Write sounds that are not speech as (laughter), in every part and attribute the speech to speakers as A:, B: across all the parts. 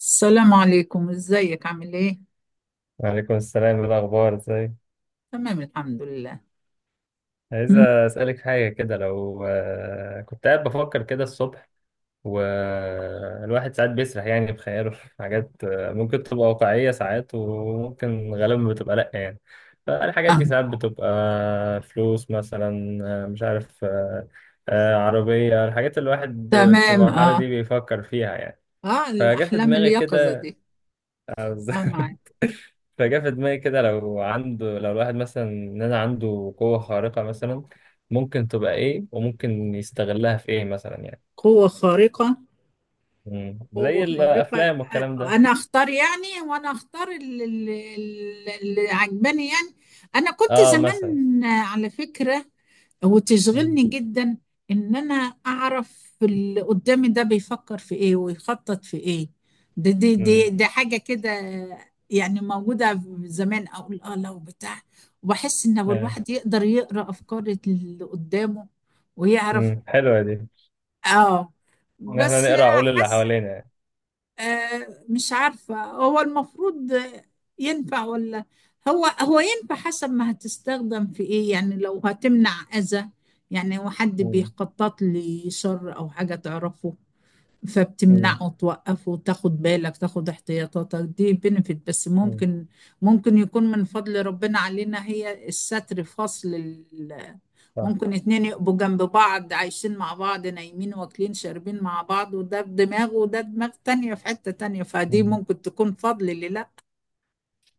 A: السلام عليكم، ازيك؟ عامل ايه؟
B: وعليكم السلام، إيه الأخبار، ازاي؟
A: تمام، الحمد لله.
B: عايز
A: مم.
B: أسألك حاجة كده. لو كنت قاعد بفكر كده الصبح، والواحد ساعات بيسرح يعني بخياله في حاجات ممكن تبقى واقعية ساعات، وممكن غالبا بتبقى لأ يعني. فالحاجات
A: آه.
B: دي ساعات بتبقى فلوس مثلا. مش عارف، عربية، الحاجات اللي الواحد في
A: تمام.
B: المرحلة
A: اه.
B: دي بيفكر فيها يعني.
A: اه،
B: فجا في
A: الاحلام
B: دماغي
A: اليقظه
B: كده.
A: دي.
B: آه، بالظبط.
A: اه، معاك.
B: (laughs) فجاء في دماغي كده، لو الواحد مثلا ان انا عنده قوة خارقة مثلا، ممكن تبقى ايه وممكن يستغلها في ايه مثلا يعني.
A: قوه خارقه.
B: مم.
A: قوة
B: زي
A: خارقة.
B: الافلام والكلام ده.
A: أنا أختار، يعني، وأنا أختار اللي عجباني يعني. أنا كنت
B: اه،
A: زمان،
B: مثلا.
A: على فكرة،
B: مم.
A: وتشغلني جدا إن أنا أعرف اللي قدامي ده بيفكر في إيه ويخطط في إيه. دي دي دي,
B: مم.
A: دي حاجة كده، يعني موجودة زمان. أقول لو بتاع، وبحس إن هو
B: آه.
A: الواحد يقدر يقرأ أفكار اللي قدامه ويعرف.
B: مم. حلوة دي.
A: آه.
B: ان احنا
A: بس
B: نقرا عقول اللي
A: حاسة
B: حوالينا يعني.
A: مش عارفة هو المفروض، ينفع ولا. هو ينفع حسب ما هتستخدم في ايه، يعني لو هتمنع اذى، يعني هو حد
B: مم.
A: بيخطط لي شر او حاجة تعرفه،
B: مم.
A: فبتمنعه توقفه تاخد بالك تاخد احتياطاتك، دي بنفيت. بس
B: مم.
A: ممكن، ممكن يكون من فضل ربنا علينا هي الستر.
B: صح.
A: ممكن اتنين يبقوا جنب بعض عايشين مع بعض، نايمين واكلين شاربين مع بعض، وده بدماغه وده دماغ تانية في حتة تانية، فدي
B: مم.
A: ممكن تكون فضل لله.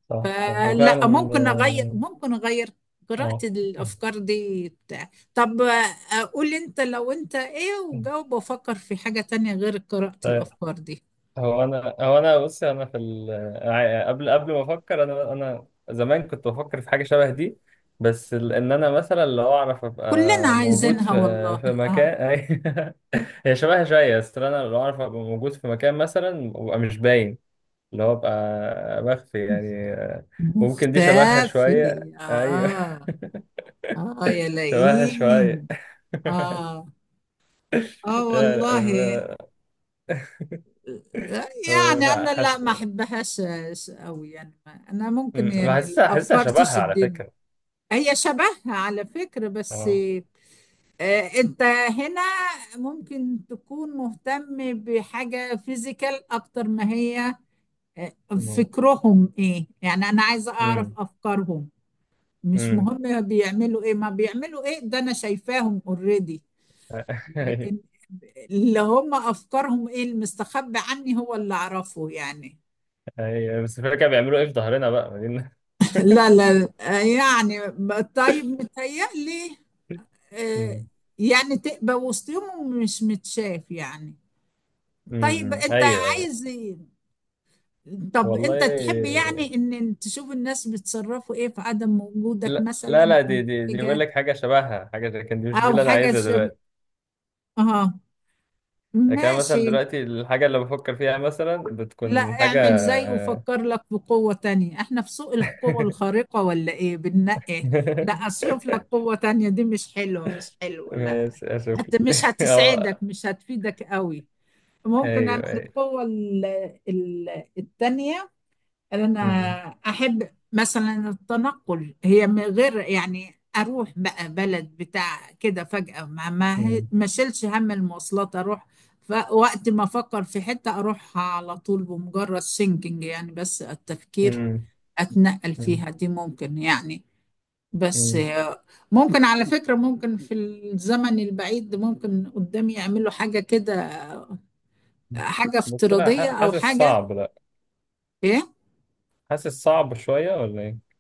B: صح صح وفعلا.
A: فلا، ممكن اغير، ممكن اغير قراءة
B: اه.
A: الافكار دي بتاع. طب قول لي انت لو انت ايه وجاوب وافكر في حاجة تانية غير قراءة
B: آه.
A: الافكار دي.
B: هو انا بص، انا في ال... ع- قبل قبل ما افكر، انا زمان كنت بفكر في حاجه شبه دي. بس ان انا مثلا لو اعرف
A: كلنا
B: ابقى موجود
A: عايزينها
B: في
A: والله. اه،
B: مكان. (laughs) هي شبهها شويه، بس انا لو اعرف ابقى موجود في مكان مثلا وابقى مش باين، اللي هو ابقى مخفي يعني. ممكن دي شبهها شويه،
A: مختفي.
B: ايوه. (laughs)
A: اه. اه يا
B: شبهها شويه.
A: لئيم.
B: (laughs)
A: اه. اه
B: لا
A: والله،
B: لا. ف... ف...
A: يعني انا
B: فحس...
A: لا، ما احبهاش قوي، يعني انا ممكن يعني
B: حاسسها
A: الافكار
B: شبهها على
A: تشدني.
B: فكره.
A: هي شبهها على فكرة، بس
B: اه.
A: انت هنا ممكن تكون مهتم بحاجة فيزيكال اكتر ما هي آه، فكرهم ايه. يعني انا عايزة اعرف
B: مم.
A: افكارهم. مش
B: امم.
A: مهم بيعملوا ايه ما بيعملوا ايه، ده انا شايفاهم اوريدي.
B: (laughs) ايوه.
A: لكن اللي هم افكارهم ايه المستخبي عني هو اللي اعرفه يعني.
B: أيوة، بس الفكره كانوا بيعملوا ايه في ظهرنا بقى، ما دي.
A: (laughs) لا
B: (laughs)
A: لا لا، يعني طيب، متهيألي آه،
B: امم،
A: يعني تبقى وسطهم ومش متشاف يعني. طيب
B: امم،
A: انت
B: ايوه ايوه.
A: عايز، طب
B: والله.
A: انت تحب يعني ان تشوف الناس بيتصرفوا ايه في عدم وجودك
B: لا لا
A: مثلا
B: لا.
A: او
B: دي بقول
A: حاجة،
B: لك حاجه شبهها، حاجه كان دي مش دي
A: او
B: اللي انا
A: حاجة
B: عايزها
A: شبه.
B: دلوقتي.
A: اه،
B: لكن أنا مثلا
A: ماشي.
B: دلوقتي الحاجه اللي بفكر فيها مثلا
A: لا،
B: بتكون
A: اعمل
B: حاجه.
A: زي وفكر لك بقوة تانية، احنا في سوق القوة الخارقة ولا ايه بننقي؟ لا،
B: (laughs)
A: اشوف لك قوة تانية، دي مش حلوة مش حلوة لا،
B: ماشي، اشوف
A: حتى مش
B: لك، (laughs)
A: هتسعدك
B: اه.
A: مش هتفيدك قوي. ممكن انا
B: ايوه ايوه.
A: القوة ال- التانية، انا
B: أمم،
A: احب مثلا التنقل، هي من غير يعني اروح بقى بلد بتاع كده فجأة،
B: أمم،
A: ما شيلش هم المواصلات، اروح، فوقت ما افكر في حتة اروحها على طول بمجرد سينكينج، يعني بس التفكير
B: أمم،
A: اتنقل
B: أمم،
A: فيها دي ممكن، يعني بس
B: أمم.
A: ممكن على فكرة، ممكن في الزمن البعيد ممكن قدامي يعملوا حاجة كده، حاجة
B: بس لا،
A: افتراضية او
B: حاسس
A: حاجة.
B: صعب، لا.
A: إيه؟
B: حاسس صعب شويه ولا ايه؟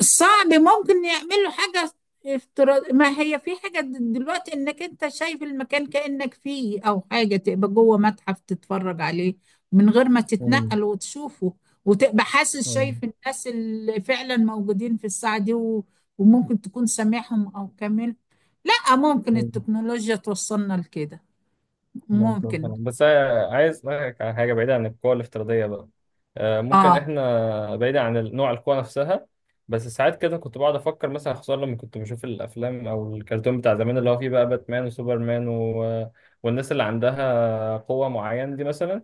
A: صعب؟ ممكن يعملوا حاجة افتراض. ما هي في حاجة دلوقتي، انك انت شايف المكان كأنك فيه، او حاجة تبقى جوه متحف تتفرج عليه من غير ما تتنقل وتشوفه، وتبقى حاسس شايف
B: أمم.
A: الناس اللي فعلا موجودين في الساعة دي وممكن تكون سامعهم او كامل. لا، ممكن
B: مم.
A: التكنولوجيا توصلنا لكده.
B: مظبوط
A: ممكن.
B: فعلاً. بس أنا عايز أسألك على حاجة بعيدة عن القوى الافتراضية بقى. ممكن
A: اه،
B: إحنا بعيدة عن نوع القوى نفسها. بس ساعات كده كنت بقعد أفكر مثلا، خصوصا لما كنت بشوف الأفلام أو الكرتون بتاع زمان اللي هو فيه بقى باتمان وسوبرمان، و... والناس اللي عندها قوة معينة دي مثلا.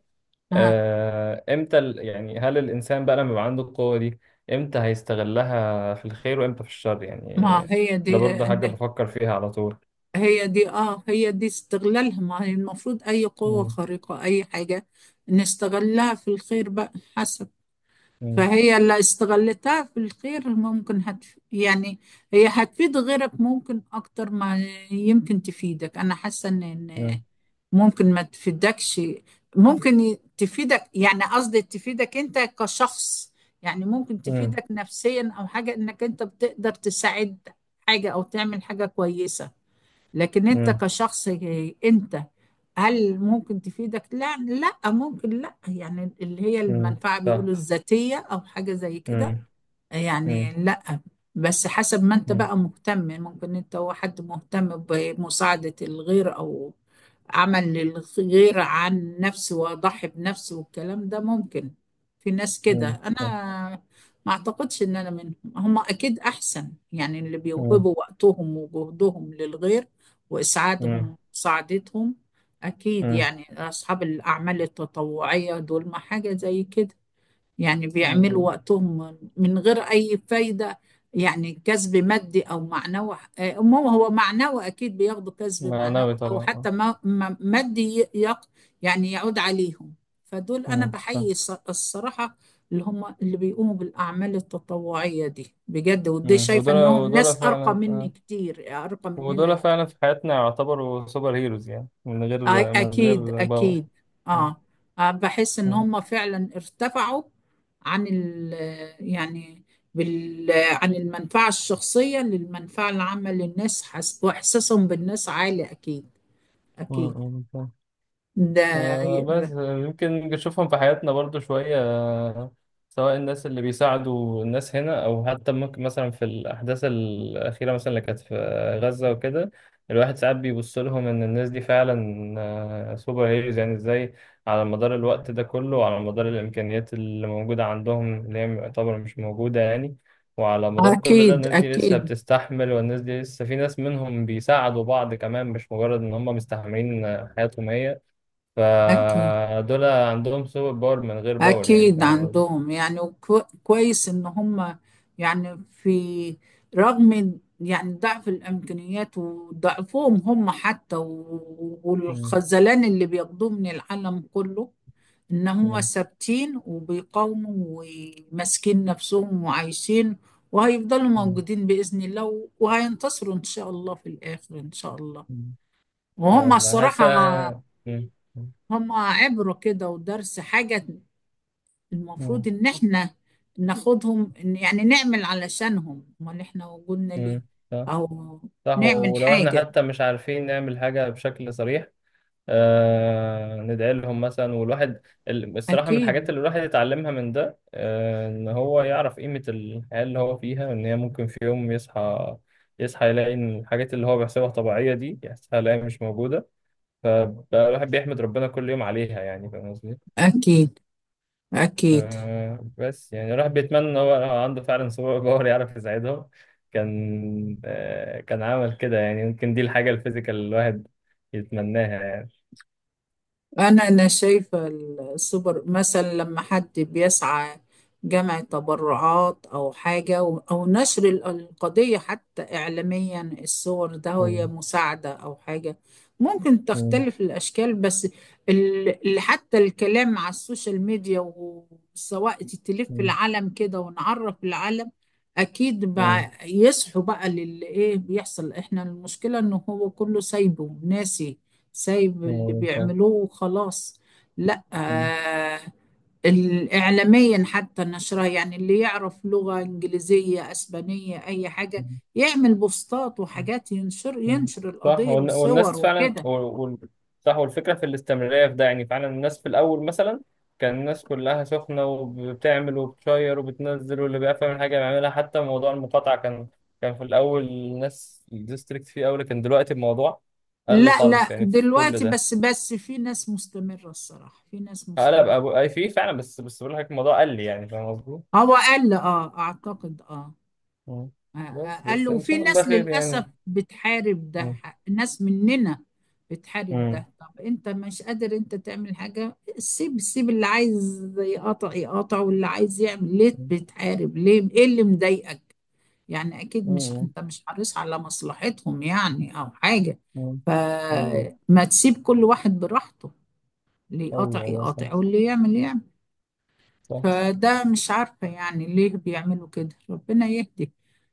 A: اه.
B: إمتى ال... يعني، هل الإنسان بقى لما يبقى عنده القوة دي إمتى هيستغلها في الخير وإمتى في الشر يعني؟
A: ما هي دي،
B: ده برضه حاجة بفكر فيها على طول.
A: هي دي استغلالها. ما هي المفروض اي قوة
B: مم.
A: خارقة اي حاجة نستغلها في الخير بقى، حسب.
B: مم.
A: فهي اللي استغلتها في الخير، ممكن يعني هي هتفيد غيرك ممكن اكتر ما يمكن تفيدك. انا حاسة ان
B: مم.
A: ممكن ما تفيدكش، ممكن تفيدك، يعني قصدي تفيدك انت كشخص، يعني ممكن
B: مم.
A: تفيدك نفسيا او حاجة انك انت بتقدر تساعد حاجة او تعمل حاجة كويسة. لكن انت
B: مم.
A: كشخص انت، هل ممكن تفيدك؟ لا، لا ممكن، لا يعني اللي هي
B: امم،
A: المنفعة
B: صح.
A: بيقولوا الذاتية او حاجة زي كده،
B: امم.
A: يعني
B: امم.
A: لا. بس حسب ما انت
B: امم.
A: بقى مهتم، ممكن انت هو حد مهتم بمساعدة الغير او عمل للغير عن نفسه، واضحي بنفسه والكلام ده ممكن. في ناس كده،
B: امم، صح.
A: انا ما اعتقدش ان انا منهم. هم اكيد احسن، يعني اللي
B: امم.
A: بيوهبوا وقتهم وجهدهم للغير
B: امم.
A: واسعادهم سعادتهم اكيد.
B: امم.
A: يعني اصحاب الاعمال التطوعية دول، ما حاجة زي كده، يعني بيعملوا
B: امم.
A: وقتهم من غير أي فايدة، يعني كسب مادي أو معنوي. ما هو معنوي أكيد بياخدوا كسب معنوي،
B: معنوي
A: أو
B: طبعا، اه.
A: حتى مادي ي- يق يعني يعود عليهم. فدول أنا
B: امم، صح.
A: بحيي، الصراحة، اللي هم اللي بيقوموا بالأعمال التطوعية دي بجد، ودي
B: امم.
A: شايفة
B: ودول
A: إنهم
B: ودول
A: ناس أرقى
B: فعلا،
A: مني
B: اه.
A: كتير، أرقى مننا.
B: ودول فعلا في حياتنا يعتبروا سوبر هيروز، يعني من غير،
A: أكيد
B: باور.
A: أكيد.
B: امم.
A: آه. بحس إن
B: امم.
A: هم فعلا ارتفعوا عن ال، يعني بال، عن المنفعة الشخصية للمنفعة العامة للناس. حس وإحساسهم بالناس عالي أكيد، أكيد.
B: امم، صح.
A: ده
B: آه
A: ي-
B: بس يمكن نشوفهم في حياتنا برضو شوية، سواء الناس اللي بيساعدوا الناس هنا، او حتى ممكن مثلا في الاحداث الاخيره مثلا اللي كانت في غزه وكده. الواحد ساعات بيبص لهم ان الناس دي فعلا سوبر هيروز. يعني ازاي، على مدار الوقت ده كله، وعلى مدار الامكانيات اللي موجوده عندهم اللي هي يعتبر مش موجوده يعني، وعلى مدار كل ده
A: أكيد
B: الناس دي لسه
A: أكيد.
B: بتستحمل، والناس دي لسه في ناس منهم بيساعدوا بعض كمان، مش مجرد ان هم مستحملين حياتهم هي.
A: أكيد
B: فدول عندهم سوبر باور من غير باور، يعني
A: أكيد
B: فاهم قصدي؟
A: عندهم، يعني كويس إن هم، يعني في، رغم يعني ضعف الإمكانيات وضعفهم هم حتى
B: مم.
A: والخذلان اللي بياخدوه من العالم كله، ان هم
B: مم.
A: ثابتين وبيقاوموا وماسكين نفسهم وعايشين، وهيفضلوا
B: مم.
A: موجودين بإذن الله، وهينتصروا ان شاء الله في الآخر ان شاء الله.
B: مم.
A: وهم
B: يلا حاسة.
A: الصراحة
B: مم.
A: هم عبرة كده ودرس. حاجة
B: مم.
A: المفروض ان احنا ناخدهم، يعني نعمل علشانهم، امال احنا وجودنا ليه،
B: مم. صح.
A: او
B: صح،
A: نعمل
B: ولو احنا
A: حاجة.
B: حتى مش عارفين نعمل حاجة بشكل صريح، آه ندعي لهم مثلا. والواحد، الصراحة من الحاجات
A: اكيد
B: اللي الواحد يتعلمها من ده، ان هو يعرف قيمة الحياة اللي هو فيها، ان هي ممكن في يوم يصحى يلاقي ان الحاجات اللي هو بيحسبها طبيعية دي، يحسبها يلاقيها مش موجودة. فالواحد بيحمد ربنا كل يوم عليها، يعني فاهم قصدي؟
A: اكيد اكيد.
B: بس يعني الواحد بيتمنى ان هو لو عنده فعلا سوبر باور يعرف يساعدهم، كان عمل كده يعني. يمكن دي الحاجة الفيزيكال اللي الواحد يتمناها يعني.
A: أنا شايفة السوبر مثلا لما حد بيسعى جمع تبرعات أو حاجة أو نشر القضية حتى إعلاميا، الصور ده هي
B: مم.
A: مساعدة أو حاجة، ممكن
B: مم.
A: تختلف الأشكال بس حتى الكلام على السوشيال ميديا وسواء تلف
B: مم.
A: العالم كده ونعرف العالم، أكيد بقى
B: مم.
A: يصحوا بقى للي إيه بيحصل. إحنا المشكلة إنه هو كله سايبه ناسي، سايب اللي
B: أيوة، صح.
A: بيعملوه وخلاص. لا آه، الإعلاميا حتى نشرها، يعني اللي يعرف لغة إنجليزية أسبانية أي حاجة يعمل بوستات
B: مم.
A: وحاجات،
B: مم.
A: ينشر
B: صح.
A: القضية وصور
B: والناس فعلا،
A: وكده.
B: صح، والفكرة في الاستمرارية في ده. يعني فعلا الناس في الأول مثلا كان الناس كلها سخنة، وبتعمل وبتشير وبتنزل واللي بيعرف يعمل حاجة بيعملها. حتى موضوع المقاطعة، كان في الأول الناس الديستريكت فيه أوي، لكن دلوقتي الموضوع قل
A: لا
B: خالص
A: لا،
B: يعني في كل
A: دلوقتي
B: ده.
A: بس في ناس مستمرة الصراحة، في ناس
B: قلب
A: مستمرة.
B: أبو أي فيه فعلا، بس بقول لك الموضوع قل، يعني فاهم قصدي؟
A: هو قل اه، اعتقد اه،
B: مم. بس
A: قال له
B: إن
A: في
B: شاء الله
A: ناس
B: خير
A: للأسف
B: يعني.
A: بتحارب ده،
B: مم.
A: ناس مننا بتحارب ده.
B: امم.
A: طب انت مش قادر انت تعمل حاجة، سيب، سيب اللي عايز يقاطع يقاطع، واللي عايز يعمل، ليه بتحارب؟ ليه؟ ايه اللي مضايقك؟ يعني اكيد مش
B: مم.
A: انت مش حريص على مصلحتهم يعني او حاجة.
B: مم. مم.
A: فما تسيب كل واحد براحته، اللي يقاطع
B: أيوه أيوه صح.
A: يقاطع واللي يعمل يعمل.
B: صح،
A: فده مش عارفة يعني ليه بيعملوا كده، ربنا يهدي.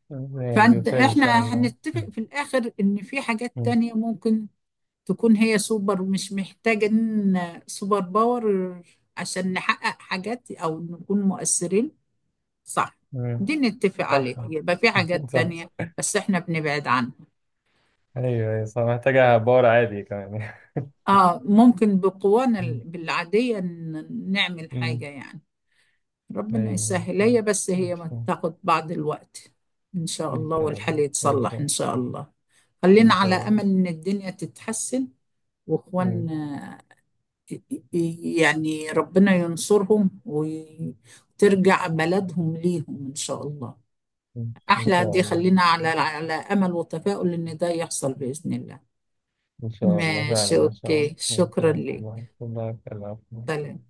B: يعني بخير إن شاء
A: فاحنا
B: الله.
A: هنتفق في الاخر ان في حاجات
B: مم.
A: تانية ممكن تكون هي سوبر، مش محتاجين سوبر باور عشان نحقق حاجات او نكون مؤثرين. صح،
B: مم.
A: دي نتفق
B: صح.
A: عليها، يبقى في حاجات
B: (laughs) صح.
A: تانية بس احنا بنبعد عنها.
B: أيوه أيوه صح، محتاجة باور عادي كمان.
A: اه، ممكن بقوانا
B: مم.
A: العادية نعمل حاجة،
B: مم.
A: يعني ربنا
B: أيوه،
A: يسهل.
B: أوكي.
A: هي بس
B: إن
A: هي ما
B: شاء،
A: تاخد بعض الوقت. ان شاء
B: إن
A: الله
B: شاء الله.
A: والحال
B: إن
A: يتصلح ان
B: شاء،
A: شاء الله، خلينا
B: إن
A: على
B: شاء الله.
A: امل ان الدنيا تتحسن
B: مم.
A: واخواننا، ي- يعني ربنا ينصرهم وترجع بلدهم ليهم إن شاء الله.
B: مم. إن
A: أحلى
B: شاء
A: دي،
B: الله.
A: خلينا على على أمل وتفاؤل إن ده يحصل بإذن الله.
B: إن شاء الله فعلا،
A: ماشي،
B: إن شاء الله
A: أوكي،
B: إن
A: شكرا
B: شاء
A: لك.
B: الله، الله يخليك.
A: سلام.